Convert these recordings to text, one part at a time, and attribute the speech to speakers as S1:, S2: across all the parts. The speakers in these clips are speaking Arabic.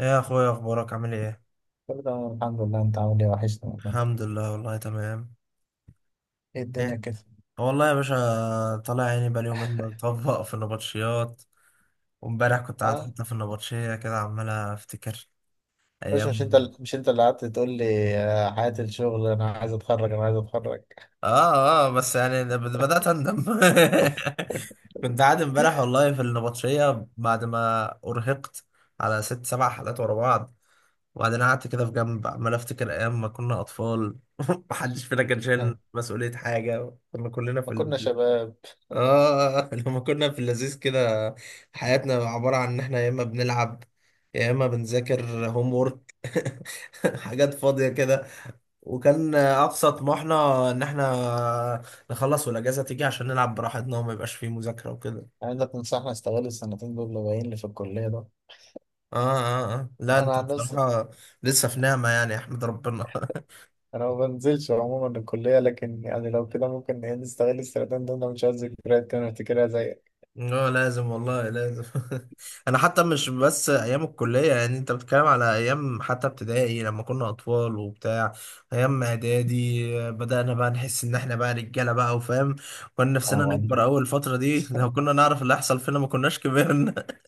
S1: ايه يا اخويا، اخبارك، عامل ايه؟
S2: كله تمام الحمد لله. انت عامل ايه؟ وحشني والله.
S1: الحمد لله والله تمام.
S2: ايه الدنيا
S1: ايه
S2: كده؟
S1: والله يا باشا، طالع عيني بقالي يومين مطبق في النبطشيات. وامبارح كنت قاعد
S2: اه
S1: حتى في النبطشية كده، عمال افتكر
S2: مش
S1: ايام.
S2: انت اللي قعدت تقول لي حياة الشغل، انا عايز اتخرج انا عايز اتخرج.
S1: اه، اه، بس يعني بدأت اندم. كنت قاعد امبارح والله في النبطشية، بعد ما ارهقت على ست سبع حلقات ورا بعض. وبعدين قعدت كده في جنب، عمال افتكر ايام ما كنا اطفال. محدش فينا كان شايل مسؤولية حاجة، كنا كلنا
S2: ما
S1: في.
S2: كنا شباب.
S1: اه. لما كنا في اللذيذ كده، حياتنا عبارة عن ان احنا يا اما بنلعب، يا اما بنذاكر، هوم وورك. حاجات فاضية كده. وكان اقصى طموحنا ان احنا نخلص والاجازة تيجي عشان نلعب براحتنا وما يبقاش فيه مذاكرة وكده.
S2: عايزك تنصحنا، استغل السنتين دول اللي باقيين لي في الكلية ده.
S1: اه، اه، اه، لا،
S2: انا
S1: انت
S2: عن نفسي،
S1: بصراحة لسه في نعمة يعني يا احمد، ربنا.
S2: انا ما بنزلش عموما الكلية، لكن لو كده ممكن ايه نستغل السنتين دول؟ انا مش عايز ذكريات كده نفتكرها زيك.
S1: اه، لازم والله لازم. انا حتى مش بس ايام الكليه، يعني انت بتتكلم على ايام حتى ابتدائي لما كنا اطفال وبتاع. ايام اعدادي بدانا بقى نحس ان احنا بقى رجاله بقى وفاهم. كنا
S2: اه
S1: نفسنا
S2: ودي.
S1: نكبر اول الفتره دي. لو كنا نعرف اللي هيحصل فينا ما كناش كبرنا.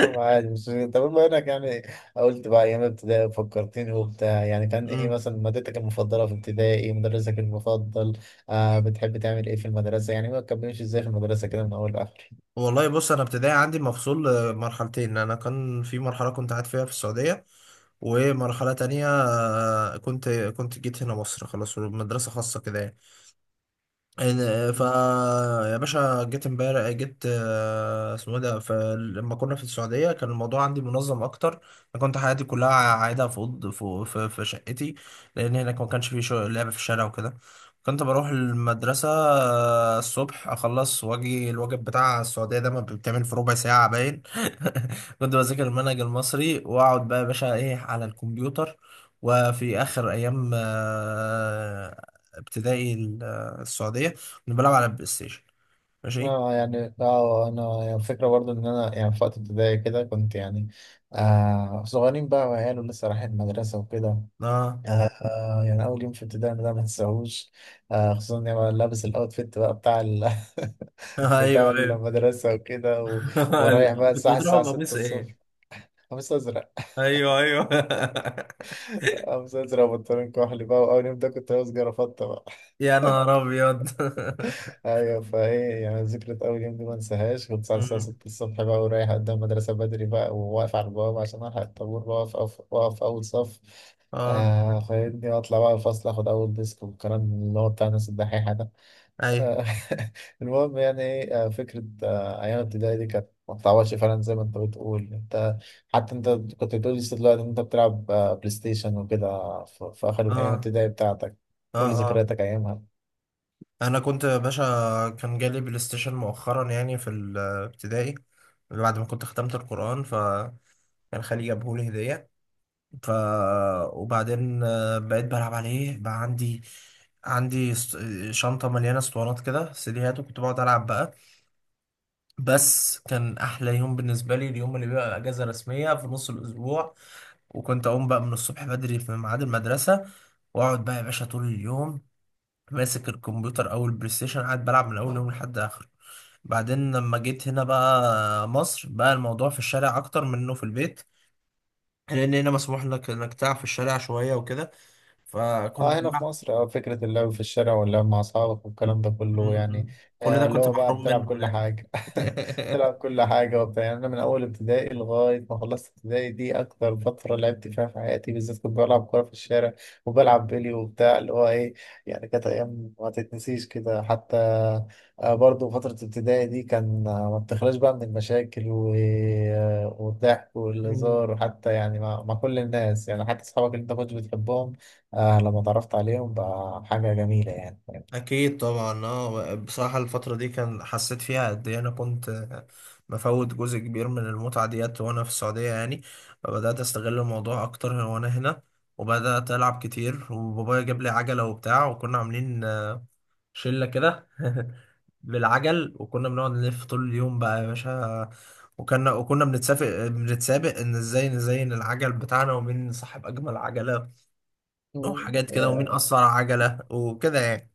S2: أو عادي. بس طب بما انك قلت بقى ايام ابتدائي، فكرتني وبتاع، كان ايه
S1: مم.
S2: مثلا مادتك المفضله في ابتدائي؟ مدرسك المفضل؟ بتحب تعمل ايه في المدرسه؟ ما تكملش ازاي في المدرسه كده من اول لاخر؟
S1: والله بص، انا ابتدائي عندي مفصول مرحلتين. انا كان في مرحله كنت قاعد فيها في السعوديه، ومرحله تانية كنت جيت هنا مصر، خلاص مدرسه خاصه كده يعني. إن- فا يا باشا، جيت امبارح، جيت اسمه إيه ده؟ فلما كنا في السعودية، كان الموضوع عندي منظم أكتر. أنا كنت حياتي كلها قاعدة في أوض، في شقتي، لأن هناك ما كانش في لعب في الشارع وكده. كنت بروح المدرسة الصبح، أخلص وأجي الواجب بتاع السعودية ده ما بيتعمل في ربع ساعة باين. كنت بذاكر المنهج المصري وأقعد بقى يا باشا إيه على الكمبيوتر. وفي آخر أيام ابتدائي السعوديه، كنا بنلعب على البلاي ستيشن. ماشي.
S2: انا فكرة برضو ان انا في وقت ابتدائي كده كنت صغيرين بقى وعيال ولسه رايحين المدرسة وكده.
S1: اه.
S2: أول يوم في ابتدائي ده ما تنساهوش، خصوصا إني بقى لابس الأوتفيت بقى بتاع
S1: ايوه،
S2: بتاع
S1: ايوه.
S2: المدرسة وكده. ورايح بقى
S1: كنت
S2: الساعة
S1: بتروحوا
S2: الساعة 6
S1: بقميص ايه؟
S2: الصبح. قميص أزرق.
S1: ايوه، ايوه.
S2: قميص أزرق وبنطلون كحلي بقى، وأول يوم ده كنت لابس جرافطة بقى.
S1: يا نهار ابيض!
S2: أيوة، فإيه ذكرى أول يوم دي ما انساهاش، كنت الساعة
S1: أمم.
S2: 6 الصبح بقى ورايح قدام المدرسة بدري بقى، وواقف على البوابة عشان ألحق الطابور، بقف أقف أقف أول صف،
S1: اه،
S2: فاهمني، وأطلع بقى الفصل آخد أول ديسك، والكلام اللي هو بتاع الناس الدحيحة.
S1: ايوه،
S2: آه، المهم يعني ايه آه، فكرة أيام ابتدائي دي كانت ما بتعوضش فعلا زي ما أنت بتقول أنت. حتى أنت كنت بتقول لسه دلوقتي إن أنت بتلعب بلاي ستيشن وكده في آخر أيام
S1: اه،
S2: ابتدائي بتاعتك.
S1: اه،
S2: قول لي
S1: اه،
S2: ذكرياتك أيامها.
S1: انا كنت يا باشا، كان جالي بلاي ستيشن مؤخرا يعني في الابتدائي، بعد ما كنت ختمت القرآن. فكان خالي جابهولي هدية. ف وبعدين بقيت بلعب عليه بقى. عندي شنطة مليانة اسطوانات كده، سيديهات، وكنت بقعد ألعب بقى. بس كان أحلى يوم بالنسبة لي اليوم اللي بيبقى أجازة رسمية في نص الأسبوع، وكنت أقوم بقى من الصبح بدري في ميعاد المدرسة، وأقعد بقى يا باشا طول اليوم ماسك الكمبيوتر أو البلاي ستيشن، قاعد بلعب من أول يوم لحد آخره. بعدين لما جيت هنا بقى مصر، بقى الموضوع في الشارع أكتر من إنه في البيت، لان هنا مسموح لك انك تلعب في الشارع شويه وكده، فكنت
S2: اه، هنا في
S1: بلعب.
S2: مصر، فكرة اللعب في الشارع واللعب مع أصحابك والكلام ده كله
S1: م- م. كل ده
S2: اللي
S1: كنت
S2: هو بقى
S1: محروم منه
S2: بتلعب كل
S1: هناك.
S2: حاجة. بتلعب كل حاجة وبتاع، أنا من أول ابتدائي لغاية ما خلصت ابتدائي دي أكتر فترة لعبت فيها في حياتي، بالذات كنت بلعب كورة في الشارع، وبلعب بيلي وبتاع اللي هو إيه. كانت أيام ما تتنسيش كده. حتى برضه فترة ابتدائي دي كان ما بتخلاش بقى من المشاكل و... آه والضحك
S1: م-
S2: والهزار، وحتى مع كل الناس، حتى أصحابك اللي أنت كنت بتحبهم، لما اتعرفت عليهم بقى حاجة جميلة يعني.
S1: اكيد طبعا، اه بصراحه الفتره دي كان حسيت فيها قد ايه انا كنت مفوت جزء كبير من المتعه ديت وانا في السعوديه يعني. بدات استغل الموضوع اكتر وانا هنا، وبدات العب كتير، وبابايا جاب لي عجله وبتاع، وكنا عاملين شله كده. بالعجل، وكنا بنقعد نلف طول اليوم بقى يا باشا، وكنا بنتسابق ان ازاي نزين العجل بتاعنا، ومين صاحب اجمل عجله،
S2: مم.
S1: وحاجات كده، ومين
S2: يا.
S1: اسرع عجله وكده يعني.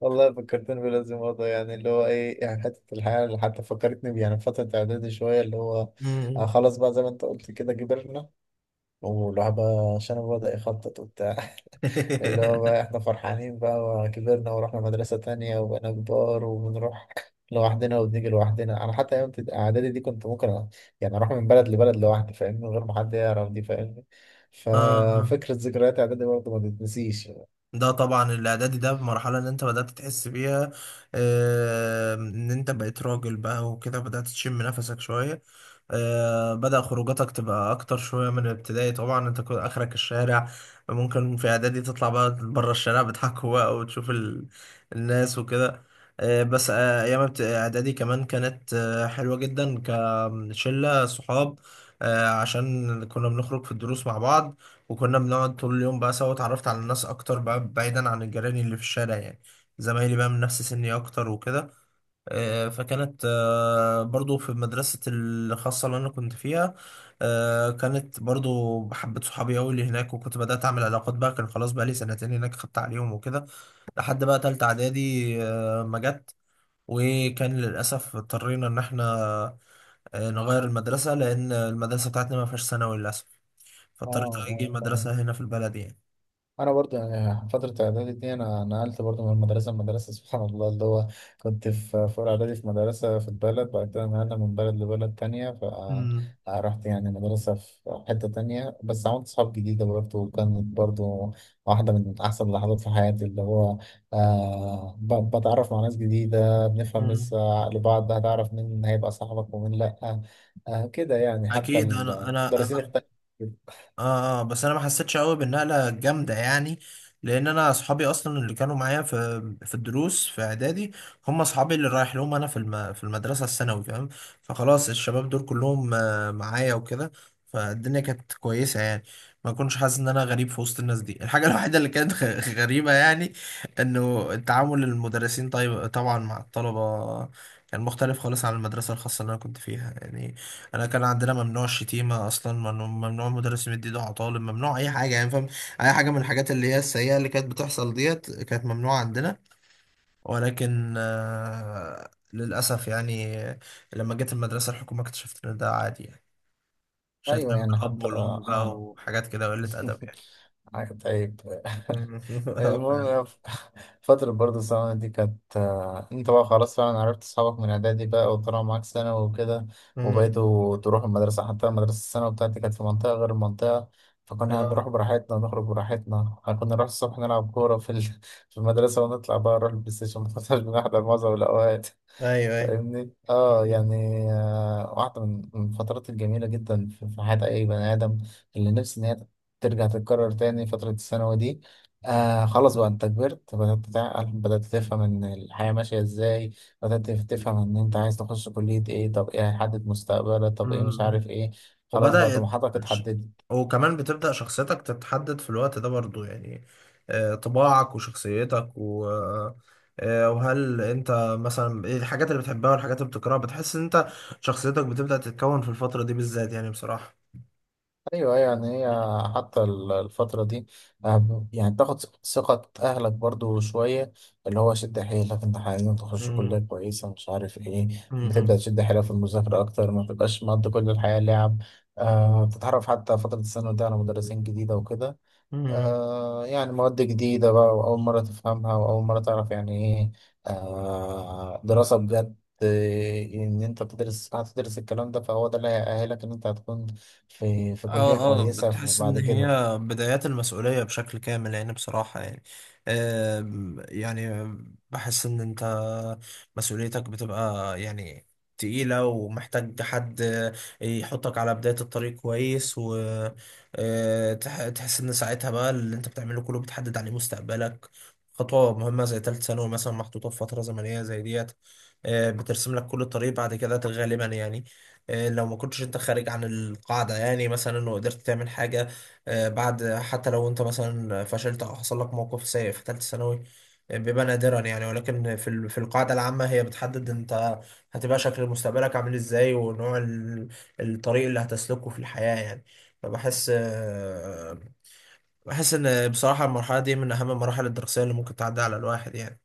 S2: والله فكرتني بلازم موضوع، يعني اللي هو ايه يعني حتة الحياة اللي حتى فكرتني بيه، في فترة إعدادي شوية، اللي هو آه
S1: مم.
S2: خلاص بقى زي ما أنت قلت كده كبرنا، والواحد بقى شنبه بدأ يخطط وبتاع، اللي هو بقى احنا فرحانين بقى وكبرنا ورحنا مدرسة تانية وبقينا كبار، وبنروح لوحدنا وبنيجي لوحدنا. انا حتى ايام اعدادي دي كنت ممكن اروح من بلد لبلد لوحدي، فاهمني، من غير ما حد يعرف دي، فاهمني.
S1: اه،
S2: ففكرة ذكريات اعدادي برضه ما تتنسيش.
S1: ده طبعا الاعدادي ده المرحله اللي انت بدات تحس بيها ان انت بقيت راجل بقى وكده، بدات تشم نفسك شويه. بدأ خروجاتك تبقى أكتر شوية من الابتدائي، طبعا أنت كنت آخرك الشارع، ممكن في إعدادي تطلع بقى بره الشارع، بتحكوا بقى وتشوف الناس وكده. بس أيام إعدادي كمان كانت حلوة جدا، كشلة صحاب، عشان كنا بنخرج في الدروس مع بعض، وكنا بنقعد طول اليوم بقى سوا، اتعرفت على الناس اكتر بقى بعيدا عن الجيران اللي في الشارع يعني، زمايلي بقى من نفس سني اكتر وكده. فكانت برضو في مدرسة الخاصة اللي انا كنت فيها، كانت برضو بحبت صحابي قوي اللي هناك، وكنت بدأت اعمل علاقات بقى، كان خلاص بقى لي سنتين هناك خدت عليهم وكده، لحد بقى تالتة اعدادي ما جت. وكان للأسف اضطرينا إن إحنا نغير المدرسة، لأن المدرسة بتاعتنا ما فيهاش ثانوي للأسف، فاضطريت أجي
S2: اه اه
S1: مدرسة هنا في البلد يعني.
S2: انا برضو فتره اعدادي دي انا نقلت برضو من مدرسه لمدرسه، سبحان الله. اللي هو كنت في اولى اعدادي في مدرسه في البلد، بعد كده نقلنا من بلد لبلد تانية،
S1: امم،
S2: فرحت مدرسه في حته تانية، بس عملت صحاب جديده برضو، وكانت برضو واحده من احسن اللحظات في حياتي، اللي هو بتعرف مع ناس جديده، بنفهم
S1: امم.
S2: لسه عقل بعض، هتعرف مين هيبقى صاحبك ومين لا، كده يعني، حتى
S1: اكيد. انا انا
S2: المدرسين
S1: انا
S2: اختلفوا.
S1: اه، اه، بس انا ما حسيتش قوي بالنقله الجامده يعني، لان انا اصحابي اصلا اللي كانوا معايا في الدروس في اعدادي، هم اصحابي اللي رايح لهم انا في المدرسه الثانوي، فاهم؟ فخلاص الشباب دول كلهم معايا وكده، فالدنيا كانت كويسه يعني. ما كنتش حاسس ان انا غريب في وسط الناس دي. الحاجه الوحيده اللي كانت غريبه يعني، انه التعامل المدرسين، طيب طبعا، مع الطلبه كان مختلف خالص عن المدرسه الخاصه اللي انا كنت فيها يعني. انا كان عندنا ممنوع الشتيمه اصلا، ممنوع، ممنوع المدرس يمد ايده على طالب، ممنوع اي حاجه يعني، فاهم؟ اي حاجه من الحاجات اللي هي السيئه اللي كانت بتحصل ديت كانت ممنوعه عندنا. ولكن للاسف يعني لما جيت المدرسه الحكومه، اكتشفت ان ده عادي يعني،
S2: ايوه
S1: شتيمه
S2: يعني
S1: بالاب
S2: حتى
S1: والام
S2: اه,
S1: بقى
S2: آه.
S1: وحاجات كده، قله ادب يعني.
S2: طيب.
S1: اه،
S2: المهم
S1: فعلا.
S2: فترة برضه الثانوي دي كانت انت بقى خلاص فعلا عرفت اصحابك من اعدادي بقى وطلعوا معاك ثانوي وكده،
S1: مم.
S2: وبقيتوا تروحوا المدرسة. حتى المدرسة الثانوي بتاعتي كانت في منطقة غير المنطقة، فكنا
S1: آه.
S2: بنروح براحتنا ونخرج براحتنا، كنا نروح الصبح نلعب كورة في في المدرسة، ونطلع بقى نروح البلاي ستيشن، ما كناش بنحضر معظم الأوقات،
S1: ايوه، ايوه.
S2: فاهمني. واحدة من الفترات الجميلة جدا في حياة أي بني آدم، اللي نفسي إن هي ترجع تتكرر تاني، فترة الثانوي دي. خلاص بقى أنت كبرت، بدأت تعقل، بدأت تفهم إن الحياة ماشية إزاي، بدأت تفهم إن أنت عايز تخش كلية إيه، طب إيه هيحدد مستقبلك، طب إيه مش
S1: مم.
S2: عارف إيه، خلاص بقى
S1: وبدأت
S2: طموحاتك
S1: ش-
S2: اتحددت.
S1: وكمان بتبدأ شخصيتك تتحدد في الوقت ده برضو يعني. طباعك وشخصيتك، و وهل انت مثلا ايه الحاجات اللي بتحبها والحاجات اللي بتكرهها، بتحس ان انت شخصيتك بتبدأ تتكون في الفترة دي بالذات يعني بصراحة.
S2: ايوه أيوة، الفترة دي تاخد ثقة اهلك برضو شوية، اللي هو شد حيلك، انت عايزين تخش كلية
S1: مم.
S2: كويسة، مش عارف ايه، بتبدأ
S1: مم.
S2: تشد حيلك في المذاكرة اكتر، ما تبقاش مقضي كل الحياة لعب. بتتعرف حتى فترة الثانوي ده على مدرسين جديدة وكده،
S1: مم.
S2: مواد جديدة بقى، وأول مرة تفهمها وأول مرة تعرف يعني إيه دراسة بجد، إن أنت تدرس، هتدرس الكلام ده، فهو ده اللي هيأهلك إن أنت هتكون في كلية
S1: اه، اه،
S2: كويسة
S1: بتحس ان
S2: بعد
S1: هي
S2: كده.
S1: بدايات المسؤولية بشكل كامل يعني بصراحة يعني. يعني بحس ان انت مسؤوليتك بتبقى يعني تقيلة، ومحتاج حد يحطك على بداية الطريق كويس، وتحس ان ساعتها بقى اللي انت بتعمله كله بتحدد عليه مستقبلك. خطوة مهمة زي تالت ثانوي مثلا محطوطة في فترة زمنية زي ديت، بترسم لك كل الطريق بعد كده غالبا يعني، لو ما كنتش انت خارج عن القاعدة يعني، مثلا وقدرت تعمل حاجة بعد. حتى لو انت مثلا فشلت او حصل لك موقف سيء في ثالثة ثانوي، بيبقى نادرا يعني، ولكن في القاعدة العامة، هي بتحدد انت هتبقى شكل مستقبلك عامل ازاي، ونوع الطريق اللي هتسلكه في الحياة يعني. فبحس آه، بحس ان بصراحة المرحلة دي من اهم المراحل الدراسية اللي ممكن تعدي على الواحد يعني.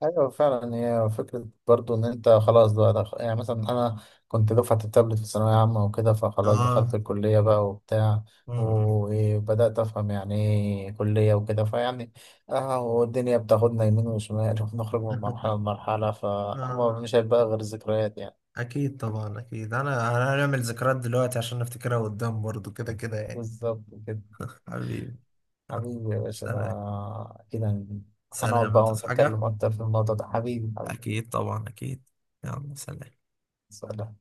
S2: ايوه فعلا، هي فكره برضو ان انت خلاص بقى دخ... يعني مثلا انا كنت دفعه التابلت في ثانويه عامه وكده، فخلاص دخلت
S1: اه.
S2: الكليه بقى وبتاع، وبدات افهم ايه كليه وكده، فيعني اه والدنيا بتاخدنا يمين وشمال ونخرج من مرحله لمرحله،
S1: آه. آه.
S2: فاما مش هيبقى غير ذكريات يعني.
S1: اكيد طبعا، اكيد، أنا هنعمل ذكريات دلوقتي عشان نفتكرها قدام برضو، كده كده يعني.
S2: بالظبط كده.
S1: حبيبي.
S2: حبيبي يا باشا، ده
S1: سلام.
S2: كده هنقعد
S1: سلام،
S2: بقى
S1: تصحى حاجة.
S2: ونتكلم اكتر في الموضوع ده. حبيبي حبيبي،
S1: اكيد طبعا اكيد. يلا، سلام.
S2: سلام.